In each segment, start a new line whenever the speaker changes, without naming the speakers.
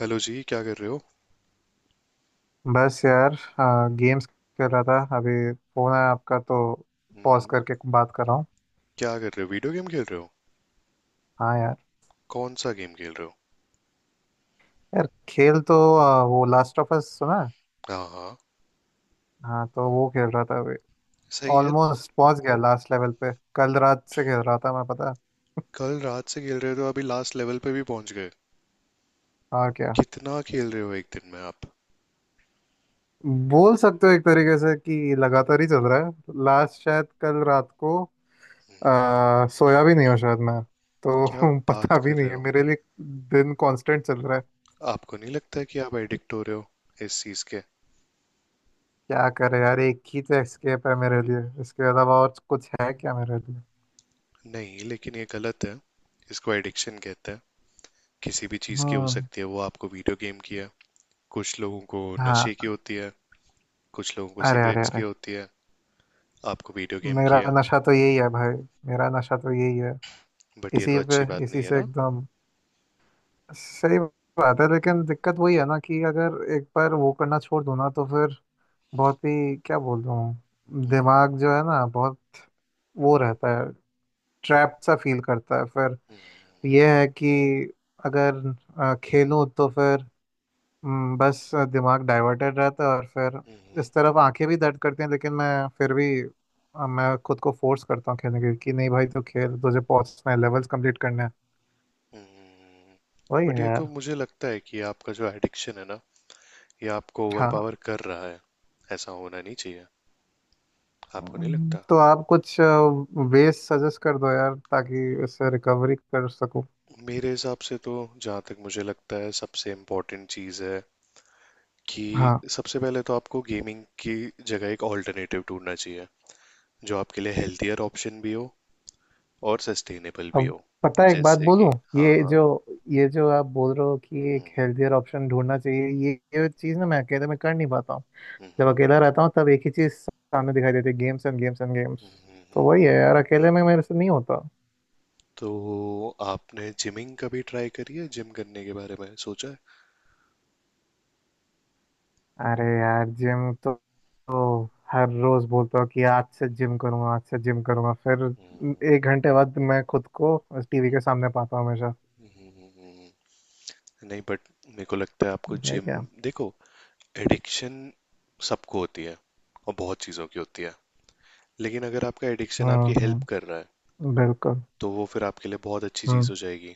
Hello जी, क्या कर रहे हो?
बस यार। गेम्स खेल रहा था अभी। फोन है आपका तो पॉज
हम्म।
करके बात कर रहा हूँ।
क्या कर रहे हो, वीडियो गेम खेल रहे हो?
हाँ यार।
कौन सा गेम खेल रहे हो?
यार खेल तो वो लास्ट ऑफ अस सुना है?
हाँ हाँ।
हाँ तो वो खेल रहा था अभी।
सही है।
ऑलमोस्ट पहुंच गया लास्ट लेवल पे, कल रात से खेल रहा था मैं, पता है?
कल रात से खेल रहे हो तो अभी लास्ट लेवल पे भी पहुंच गए।
और क्या।
कितना खेल रहे हो एक दिन में आप?
बोल सकते हो एक तरीके से कि लगातार ही चल रहा है, लास्ट शायद कल रात को सोया भी नहीं हूँ शायद मैं। तो
क्या बात
पता
कर
भी नहीं
रहे
है,
हो?
मेरे लिए दिन कांस्टेंट चल रहा है।
आपको नहीं लगता है कि आप एडिक्ट हो रहे हो इस चीज के?
क्या करे यार, एक ही तो एस्केप है मेरे लिए, इसके अलावा और कुछ है क्या मेरे लिए।
नहीं, लेकिन ये गलत है। इसको एडिक्शन कहते हैं। किसी भी चीज की हो
हाँ
सकती है, वो आपको वीडियो गेम की है। कुछ लोगों को नशे की
हाँ।
होती है, कुछ लोगों को
अरे अरे
सिगरेट्स की
अरे।
होती है, आपको वीडियो गेम
मेरा
की है।
नशा तो यही है भाई। मेरा नशा तो यही है।
बट ये तो
इसी पे
अच्छी बात नहीं
इसी
है
से
ना।
एकदम सही बात है, लेकिन दिक्कत वही है ना कि अगर एक बार वो करना छोड़ दूँ ना, तो फिर बहुत ही, क्या बोल रहा हूँ,
हम्म।
दिमाग जो है ना बहुत वो रहता है, ट्रैप सा फील करता है फिर।
हम्म।
ये है कि अगर खेलूं तो फिर बस दिमाग डाइवर्टेड रहता है और फिर
हम्म
इस तरफ आंखें भी दर्द करती हैं, लेकिन मैं फिर भी मैं खुद को फोर्स करता हूँ खेलने के लिए कि नहीं भाई, तो खेल, तुझे पहुंचना है, लेवल्स कंप्लीट करना है।
हम्म।
वही है
बट ये तो
यार।
मुझे लगता है कि आपका जो एडिक्शन है ना, ये आपको
हाँ।
ओवरपावर कर रहा है। ऐसा होना नहीं चाहिए। आपको नहीं लगता?
तो आप कुछ वेज सजेस्ट कर दो यार, ताकि इससे रिकवरी कर सकूँ।
मेरे हिसाब से तो जहाँ तक मुझे लगता है, सबसे इम्पोर्टेंट चीज़ है कि
हाँ
सबसे पहले तो आपको गेमिंग की जगह एक ऑल्टरनेटिव ढूंढना चाहिए, जो आपके लिए हेल्थियर ऑप्शन भी हो और सस्टेनेबल भी
अब
हो।
पता है, एक बात
जैसे
बोलूं।
कि, हाँ
ये
हाँ।
जो ये जो आप बोल रहे हो कि एक
हम्म।
हेल्थियर ऑप्शन ढूंढना चाहिए, ये चीज़ ना मैं अकेले में कर नहीं पाता हूँ। जब अकेला रहता हूँ तब एक ही चीज सामने दिखाई देती है, games and games and games. तो वही है यार, अकेले में मेरे से नहीं होता।
तो आपने जिमिंग कभी ट्राई करी है, जिम करने के बारे में सोचा है?
अरे यार, जिम तो हर रोज बोलता हूँ कि आज से जिम करूंगा, आज से जिम करूंगा, फिर एक घंटे बाद मैं खुद को टीवी के सामने पाता हूँ हमेशा।
हम्म, नहीं, बट मेरे को लगता है आपको जिम...
भैया।
देखो, एडिक्शन सबको होती है और बहुत चीज़ों की होती है, लेकिन अगर आपका एडिक्शन आपकी हेल्प कर
हम्म।
रहा है,
बिल्कुल।
तो वो फिर आपके लिए बहुत अच्छी चीज़
हम्म।
हो जाएगी।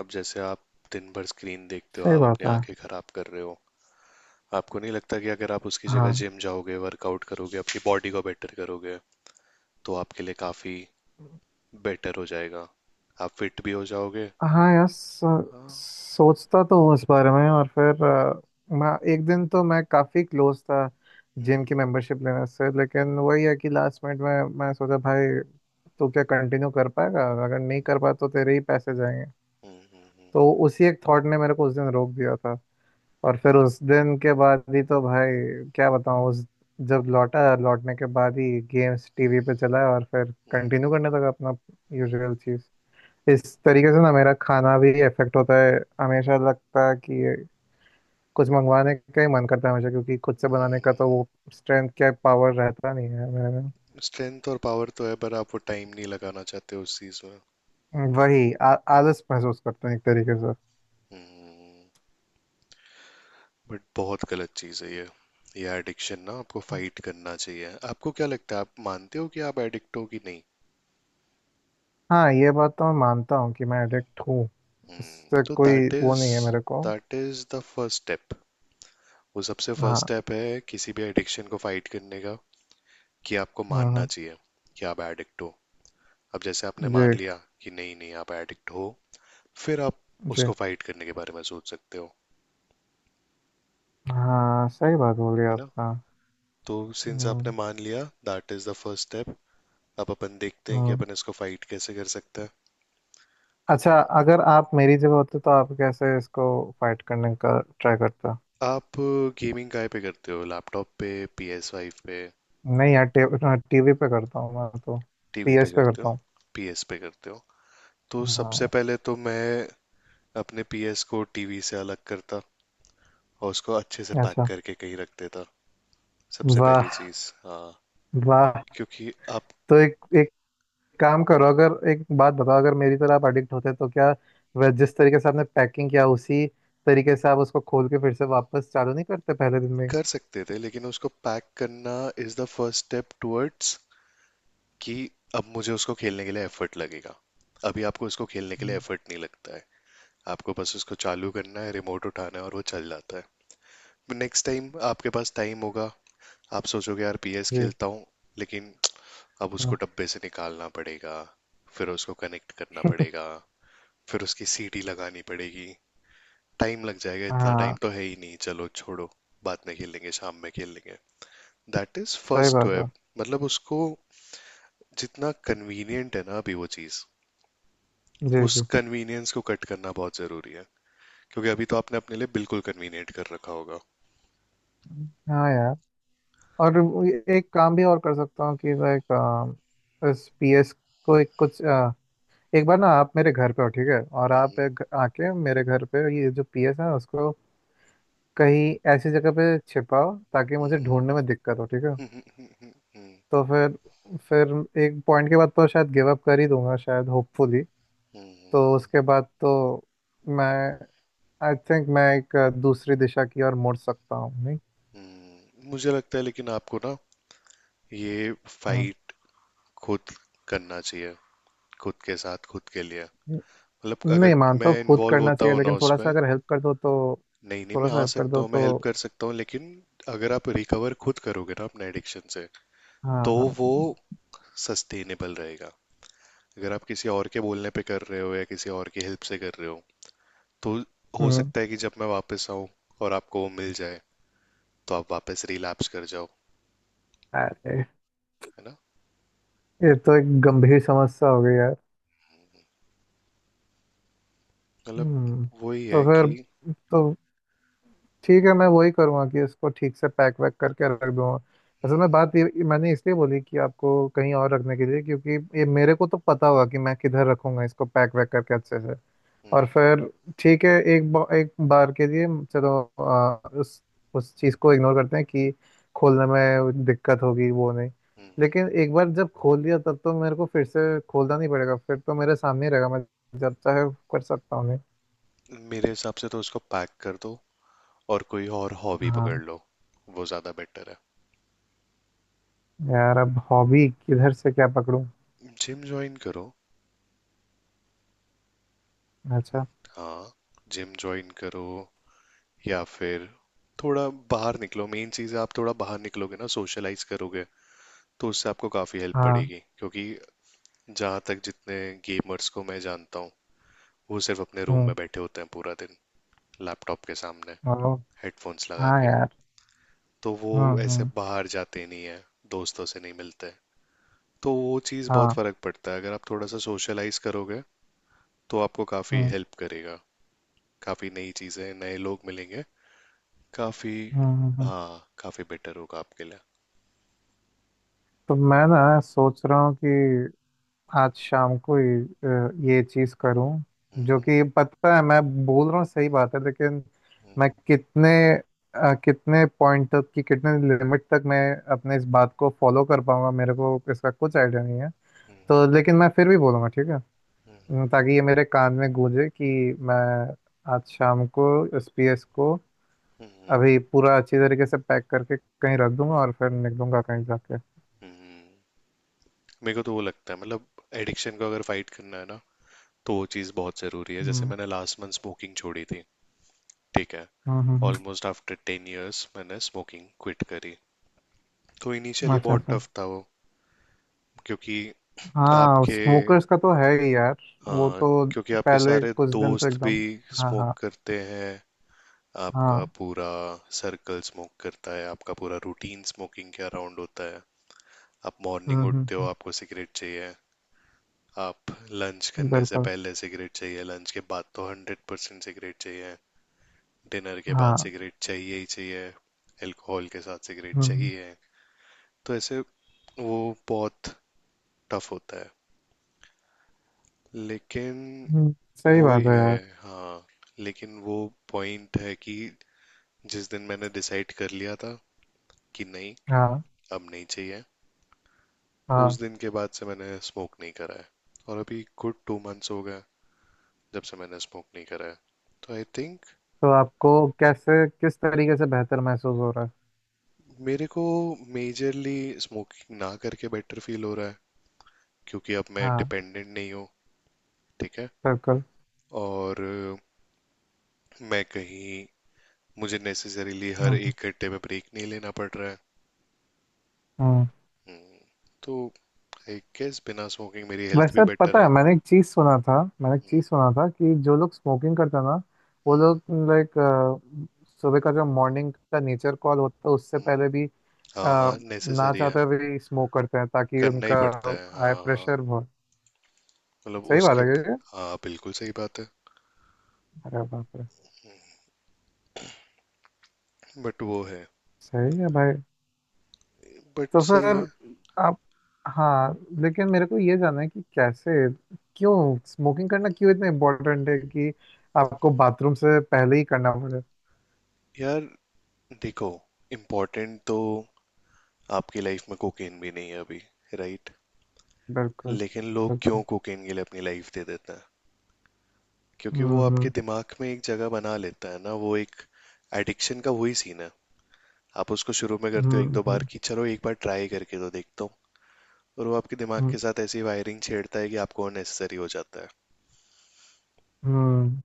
अब जैसे आप दिन भर स्क्रीन देखते हो,
सही
आप
बात
अपनी
है।
आंखें खराब कर रहे हो। आपको नहीं लगता कि अगर आप उसकी जगह
हाँ।
जिम जाओगे, वर्कआउट करोगे, अपनी बॉडी को बेटर करोगे, तो आपके लिए काफ़ी बेटर हो जाएगा? आप फिट भी हो जाओगे।
हाँ यार, सो,
हाँ।
सोचता तो हूँ उस बारे में, और फिर मैं एक दिन तो मैं काफ़ी क्लोज था जिम की मेंबरशिप लेने से, लेकिन वही है कि लास्ट मिनट में मैं सोचा भाई, तू क्या कंटिन्यू कर पाएगा, अगर नहीं कर पाया तो तेरे ही पैसे जाएंगे। तो उसी एक थॉट ने मेरे को उस दिन रोक दिया था। और फिर उस दिन के बाद ही तो भाई, क्या बताऊँ, उस जब लौटा, लौटने के बाद ही गेम्स टीवी पे चला और फिर कंटिन्यू करने लगा अपना यूजुअल चीज़। इस तरीके से ना मेरा खाना भी इफेक्ट होता है, हमेशा लगता है कि ये कुछ मंगवाने का ही मन करता है हमेशा, क्योंकि खुद से बनाने का तो वो स्ट्रेंथ, क्या, पावर रहता नहीं है मेरे में।
स्ट्रेंथ और पावर तो है, पर आप वो टाइम नहीं लगाना चाहते उस चीज़ में।
वही आलस महसूस करते हैं एक तरीके से।
हम्म। बट बहुत गलत चीज़ है ये। ये एडिक्शन ना, आपको फाइट करना चाहिए। आपको क्या लगता है, आप मानते हो कि आप एडिक्ट हो कि नहीं?
हाँ, ये बात तो मैं मानता हूँ कि मैं एडिक्ट हूँ। इससे
तो
कोई
दैट
वो
इज
नहीं है मेरे को।
That is the first step. वो सबसे फर्स्ट
हाँ।
स्टेप है किसी भी एडिक्शन को फाइट करने का, कि आपको मानना
हम्म।
चाहिए कि आप एडिक्ट हो। अब जैसे आपने मान
जी
लिया कि नहीं नहीं, आप एडिक्ट हो, फिर आप
जी।
उसको फाइट करने के बारे में सोच सकते हो।
हाँ, सही बात बोली
है ना?
आपका।
तो सिंस आपने
हम्म
मान लिया, that is the first step. अब अपन देखते हैं कि
हम्म।
अपन इसको फाइट कैसे कर सकते हैं।
अच्छा, अगर आप मेरी जगह होते तो आप कैसे इसको फाइट करने का ट्राई करते?
आप गेमिंग काय पे करते हो? लैपटॉप पे? PS5 पे?
नहीं यार, टीवी पे करता हूँ मैं तो।
टीवी पे
पीएस पे
करते
करता
हो?
हूँ।
पी एस पे करते हो? तो सबसे
हाँ।
पहले तो मैं अपने पी एस को टीवी से अलग करता, और उसको अच्छे से पैक
अच्छा।
करके कहीं रख देता। सबसे पहली
वाह
चीज़, हाँ।
वाह।
क्योंकि आप...
तो एक एक काम करो, अगर एक बात बताओ, अगर मेरी तरह आप एडिक्ट होते तो क्या वह, जिस तरीके से आपने पैकिंग किया उसी तरीके से आप उसको खोल के फिर से वापस चालू नहीं करते पहले दिन में?
कर सकते थे, लेकिन उसको पैक करना is the first step towards, कि अब मुझे उसको खेलने के लिए एफर्ट लगेगा। अभी आपको उसको खेलने के लिए
हम्म।
एफर्ट नहीं लगता है। आपको बस उसको चालू करना है, रिमोट उठाना है और वो चल जाता है। नेक्स्ट टाइम आपके पास टाइम होगा, आप सोचोगे यार पीएस
जी।
खेलता हूँ, लेकिन अब उसको
हाँ
डब्बे से निकालना पड़ेगा, फिर उसको कनेक्ट करना पड़ेगा, फिर उसकी सीटी लगानी पड़ेगी, टाइम लग जाएगा, इतना टाइम
हाँ,
तो है ही नहीं, चलो छोड़ो, बाद में खेल लेंगे, शाम में खेल लेंगे। दैट इज
सही
फर्स्ट
बात
वेब।
है।
मतलब उसको जितना कन्वीनियंट है ना अभी वो चीज़,
जी
उस
जी।
कन्वीनियंस को कट करना बहुत जरूरी है। क्योंकि अभी तो आपने अपने लिए बिल्कुल कन्वीनियंट कर रखा होगा।
हाँ यार। और वो एक काम भी और कर सकता हूँ कि लाइक इस पीएस को एक कुछ, एक बार ना आप मेरे घर पे हो ठीक है, और आप
हम्म
एक आके मेरे घर पे ये जो पीएस है उसको कहीं ऐसी जगह पे छिपाओ ताकि
हम्म।
मुझे ढूंढने में दिक्कत हो, ठीक है?
हम्म। हम्म।
तो फिर, फिर एक पॉइंट के बाद तो शायद गिव अप कर ही दूंगा शायद, होपफुली। तो उसके बाद तो मैं, आई थिंक मैं एक दूसरी दिशा की ओर मुड़ सकता हूँ, नहीं?
मुझे लगता है, लेकिन आपको ना ये
हम्म।
फाइट खुद करना चाहिए, खुद के साथ खुद के लिए।
न-
मतलब अगर
नहीं मानता
मैं
हूँ, खुद
इन्वॉल्व
करना
होता
चाहिए,
हूँ ना
लेकिन थोड़ा सा
उसमें...
अगर हेल्प कर दो तो।
नहीं नहीं,
थोड़ा
मैं
सा
आ
हेल्प कर
सकता
दो
हूँ, मैं हेल्प
तो।
कर सकता हूँ, लेकिन अगर आप रिकवर खुद करोगे ना अपने एडिक्शन से,
हाँ
तो
हाँ।
वो सस्टेनेबल रहेगा। अगर आप किसी और के बोलने पे कर रहे हो या किसी और की हेल्प से कर रहे हो, तो हो
हम्म।
सकता है कि जब मैं वापस आऊँ और आपको वो मिल जाए, तो आप वापस रिलैप्स कर जाओ।
अरे,
है ना?
ये तो एक गंभीर समस्या हो गई यार।
मतलब
हम्म।
वही
तो
है
फिर,
कि...
तो ठीक है, मैं वही करूँगा कि इसको ठीक से पैक वैक करके रख दूंगा। असल में
हम्म
बात ये मैंने इसलिए बोली कि आपको कहीं और रखने के लिए, क्योंकि ये मेरे को तो पता होगा कि मैं किधर रखूंगा इसको पैक वैक करके अच्छे से। और
हम्म।
फिर ठीक है, एक बार के लिए चलो उस चीज़ को इग्नोर करते हैं कि खोलने में दिक्कत होगी, वो नहीं।
हम्म हम्म।
लेकिन एक बार जब खोल दिया, तब तो मेरे को फिर से खोलना नहीं पड़ेगा, फिर तो मेरे सामने ही रहेगा, मैं जब चाहे कर सकता हूँ, नहीं?
मेरे हिसाब से तो उसको पैक कर दो और कोई और हॉबी पकड़
हाँ
लो, वो ज़्यादा बेटर है।
यार, अब हॉबी किधर से क्या पकड़ूं।
जिम ज्वाइन करो।
अच्छा।
हाँ, जिम ज्वाइन करो, या फिर थोड़ा बाहर निकलो। मेन चीज़ है, आप थोड़ा बाहर निकलोगे ना, सोशलाइज करोगे, तो उससे आपको काफ़ी हेल्प
हाँ।
पड़ेगी। क्योंकि जहाँ तक जितने गेमर्स को मैं जानता हूँ, वो सिर्फ अपने रूम
हम्म।
में बैठे होते हैं पूरा दिन, लैपटॉप के सामने,
हेलो।
हेडफोन्स लगा
हाँ
के।
यार।
तो वो ऐसे
हम्म।
बाहर जाते नहीं है, दोस्तों से नहीं मिलते। तो वो चीज़, बहुत
हाँ।
फ़र्क पड़ता है अगर आप थोड़ा सा सोशलाइज करोगे, तो आपको काफ़ी
हम्म
हेल्प करेगा। काफ़ी नई चीज़ें, नए लोग मिलेंगे। काफ़ी...
हम्म हम्म हम्म।
हाँ, काफ़ी बेटर होगा आपके लिए।
तो मैं ना सोच रहा हूँ कि आज शाम को ये ये चीज करूं, जो कि पता है मैं बोल रहा हूँ सही बात है, लेकिन मैं कितने कितने पॉइंट तक की, कितने लिमिट तक मैं अपने इस बात को फॉलो कर पाऊंगा, मेरे को इसका कुछ आइडिया नहीं है। तो लेकिन मैं फिर भी बोलूंगा ठीक है, ताकि ये मेरे कान में गूंजे कि मैं आज शाम को एस पी एस को
हम्म,
अभी पूरा अच्छी तरीके से पैक करके कहीं रख दूंगा और फिर निकलूंगा कहीं जाके।
मेरे को तो वो लगता है, मतलब एडिक्शन को अगर फाइट करना है ना, तो वो चीज़ बहुत ज़रूरी है। जैसे
हम्म
मैंने लास्ट मंथ स्मोकिंग छोड़ी थी, ठीक है।
हम्म हम्म हम्म।
ऑलमोस्ट आफ्टर 10 इयर्स मैंने स्मोकिंग क्विट करी। तो इनिशियली
अच्छा
बहुत
अच्छा।
टफ था वो, क्योंकि
हाँ
आपके...
स्मोकर्स का तो है ही यार। वो
हाँ,
तो
क्योंकि आपके
पहले
सारे
कुछ दिन तो
दोस्त भी
एकदम। हाँ
स्मोक
हाँ।
करते हैं, आपका
हाँ।
पूरा सर्कल स्मोक करता है, आपका पूरा रूटीन स्मोकिंग के अराउंड होता है। आप मॉर्निंग उठते हो
हम्म।
आपको सिगरेट चाहिए, आप लंच करने से
बिल्कुल।
पहले सिगरेट चाहिए, लंच के बाद तो 100% सिगरेट चाहिए, डिनर के बाद
हाँ।
सिगरेट चाहिए ही चाहिए, अल्कोहल के साथ सिगरेट
हम्म।
चाहिए। तो ऐसे वो बहुत टफ होता है। लेकिन
सही
वो ही
बात है यार।
है, हाँ। लेकिन वो पॉइंट है कि जिस दिन मैंने डिसाइड कर लिया था कि नहीं,
हाँ
अब नहीं चाहिए, उस
हाँ।
दिन के बाद से मैंने स्मोक नहीं करा है, और अभी गुड 2 मंथ्स हो गए जब से मैंने स्मोक नहीं करा है। तो आई थिंक
तो आपको कैसे, किस तरीके से बेहतर महसूस हो रहा है?
मेरे को मेजरली स्मोकिंग ना करके बेटर फील हो रहा है, क्योंकि अब मैं
हाँ।
डिपेंडेंट नहीं हूँ। ठीक है।
बिल्कुल।
और मैं कहीं... मुझे नेसेसरीली
हम्म
हर
हम्म
एक घंटे में ब्रेक नहीं लेना पड़ रहा है।
हम्म।
हम्म, तो आई गेस बिना स्मोकिंग मेरी हेल्थ भी
वैसे पता
बेटर
है,
है।
मैंने एक चीज़ सुना था, मैंने एक चीज़ सुना था कि जो लोग स्मोकिंग करते हैं ना वो
हम्म।
लोग, लाइक सुबह का जो मॉर्निंग का नेचर कॉल होता है उससे
हम्म।
पहले भी
हाँ
आ,
हाँ,
ना
नेसेसरी है।
चाहते हुए भी स्मोक करते हैं, ताकि
करना ही
उनका
पड़ता है,
हाई
हाँ हाँ।
प्रेशर, बहुत,
मतलब
सही बात
उसके...
है क्या ये?
हाँ, बिल्कुल सही बात है।
अरे बाप रे।
बट वो है।
सही है भाई।
बट
तो
सही है।
फिर आप, हाँ, लेकिन मेरे को ये जानना है कि कैसे, क्यों स्मोकिंग करना क्यों इतना इम्पोर्टेंट है कि आपको बाथरूम से पहले ही करना पड़े?
यार देखो, इम्पोर्टेंट तो आपकी लाइफ में कोकेन भी नहीं है अभी, राइट?
बिल्कुल।
लेकिन लोग क्यों
बिल्कुल।
कोकेन के लिए अपनी लाइफ दे देते हैं? क्योंकि वो
हम्म हम्म
आपके दिमाग में एक जगह बना लेता है ना, वो एक... एडिक्शन का वही सीन है। आप उसको शुरू में करते हो
हम्म
एक दो बार
हम्म
कि चलो एक बार ट्राई करके तो देखता हूँ, और वो आपके दिमाग
हम्म,
के साथ ऐसी वायरिंग छेड़ता है कि आपको अननेसेसरी हो जाता है।
हम्म।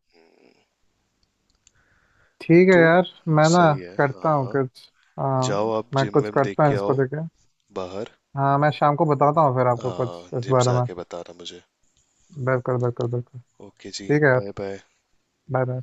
ठीक है
तो
यार, मैं ना
सही है,
करता
हाँ
हूँ
हाँ।
कुछ। हाँ
जाओ आप
मैं
जिम
कुछ
विम देख
करता हूँ
के
इसको
आओ,
लेके।
बाहर।
हाँ मैं शाम को बताता हूँ फिर आपको कुछ
हाँ,
इस
जिम से
बारे में।
आके बताना मुझे।
बिल्कुल बिल्कुल बिल्कुल।
ओके जी।
ठीक है यार।
Bye bye.
Bye bye.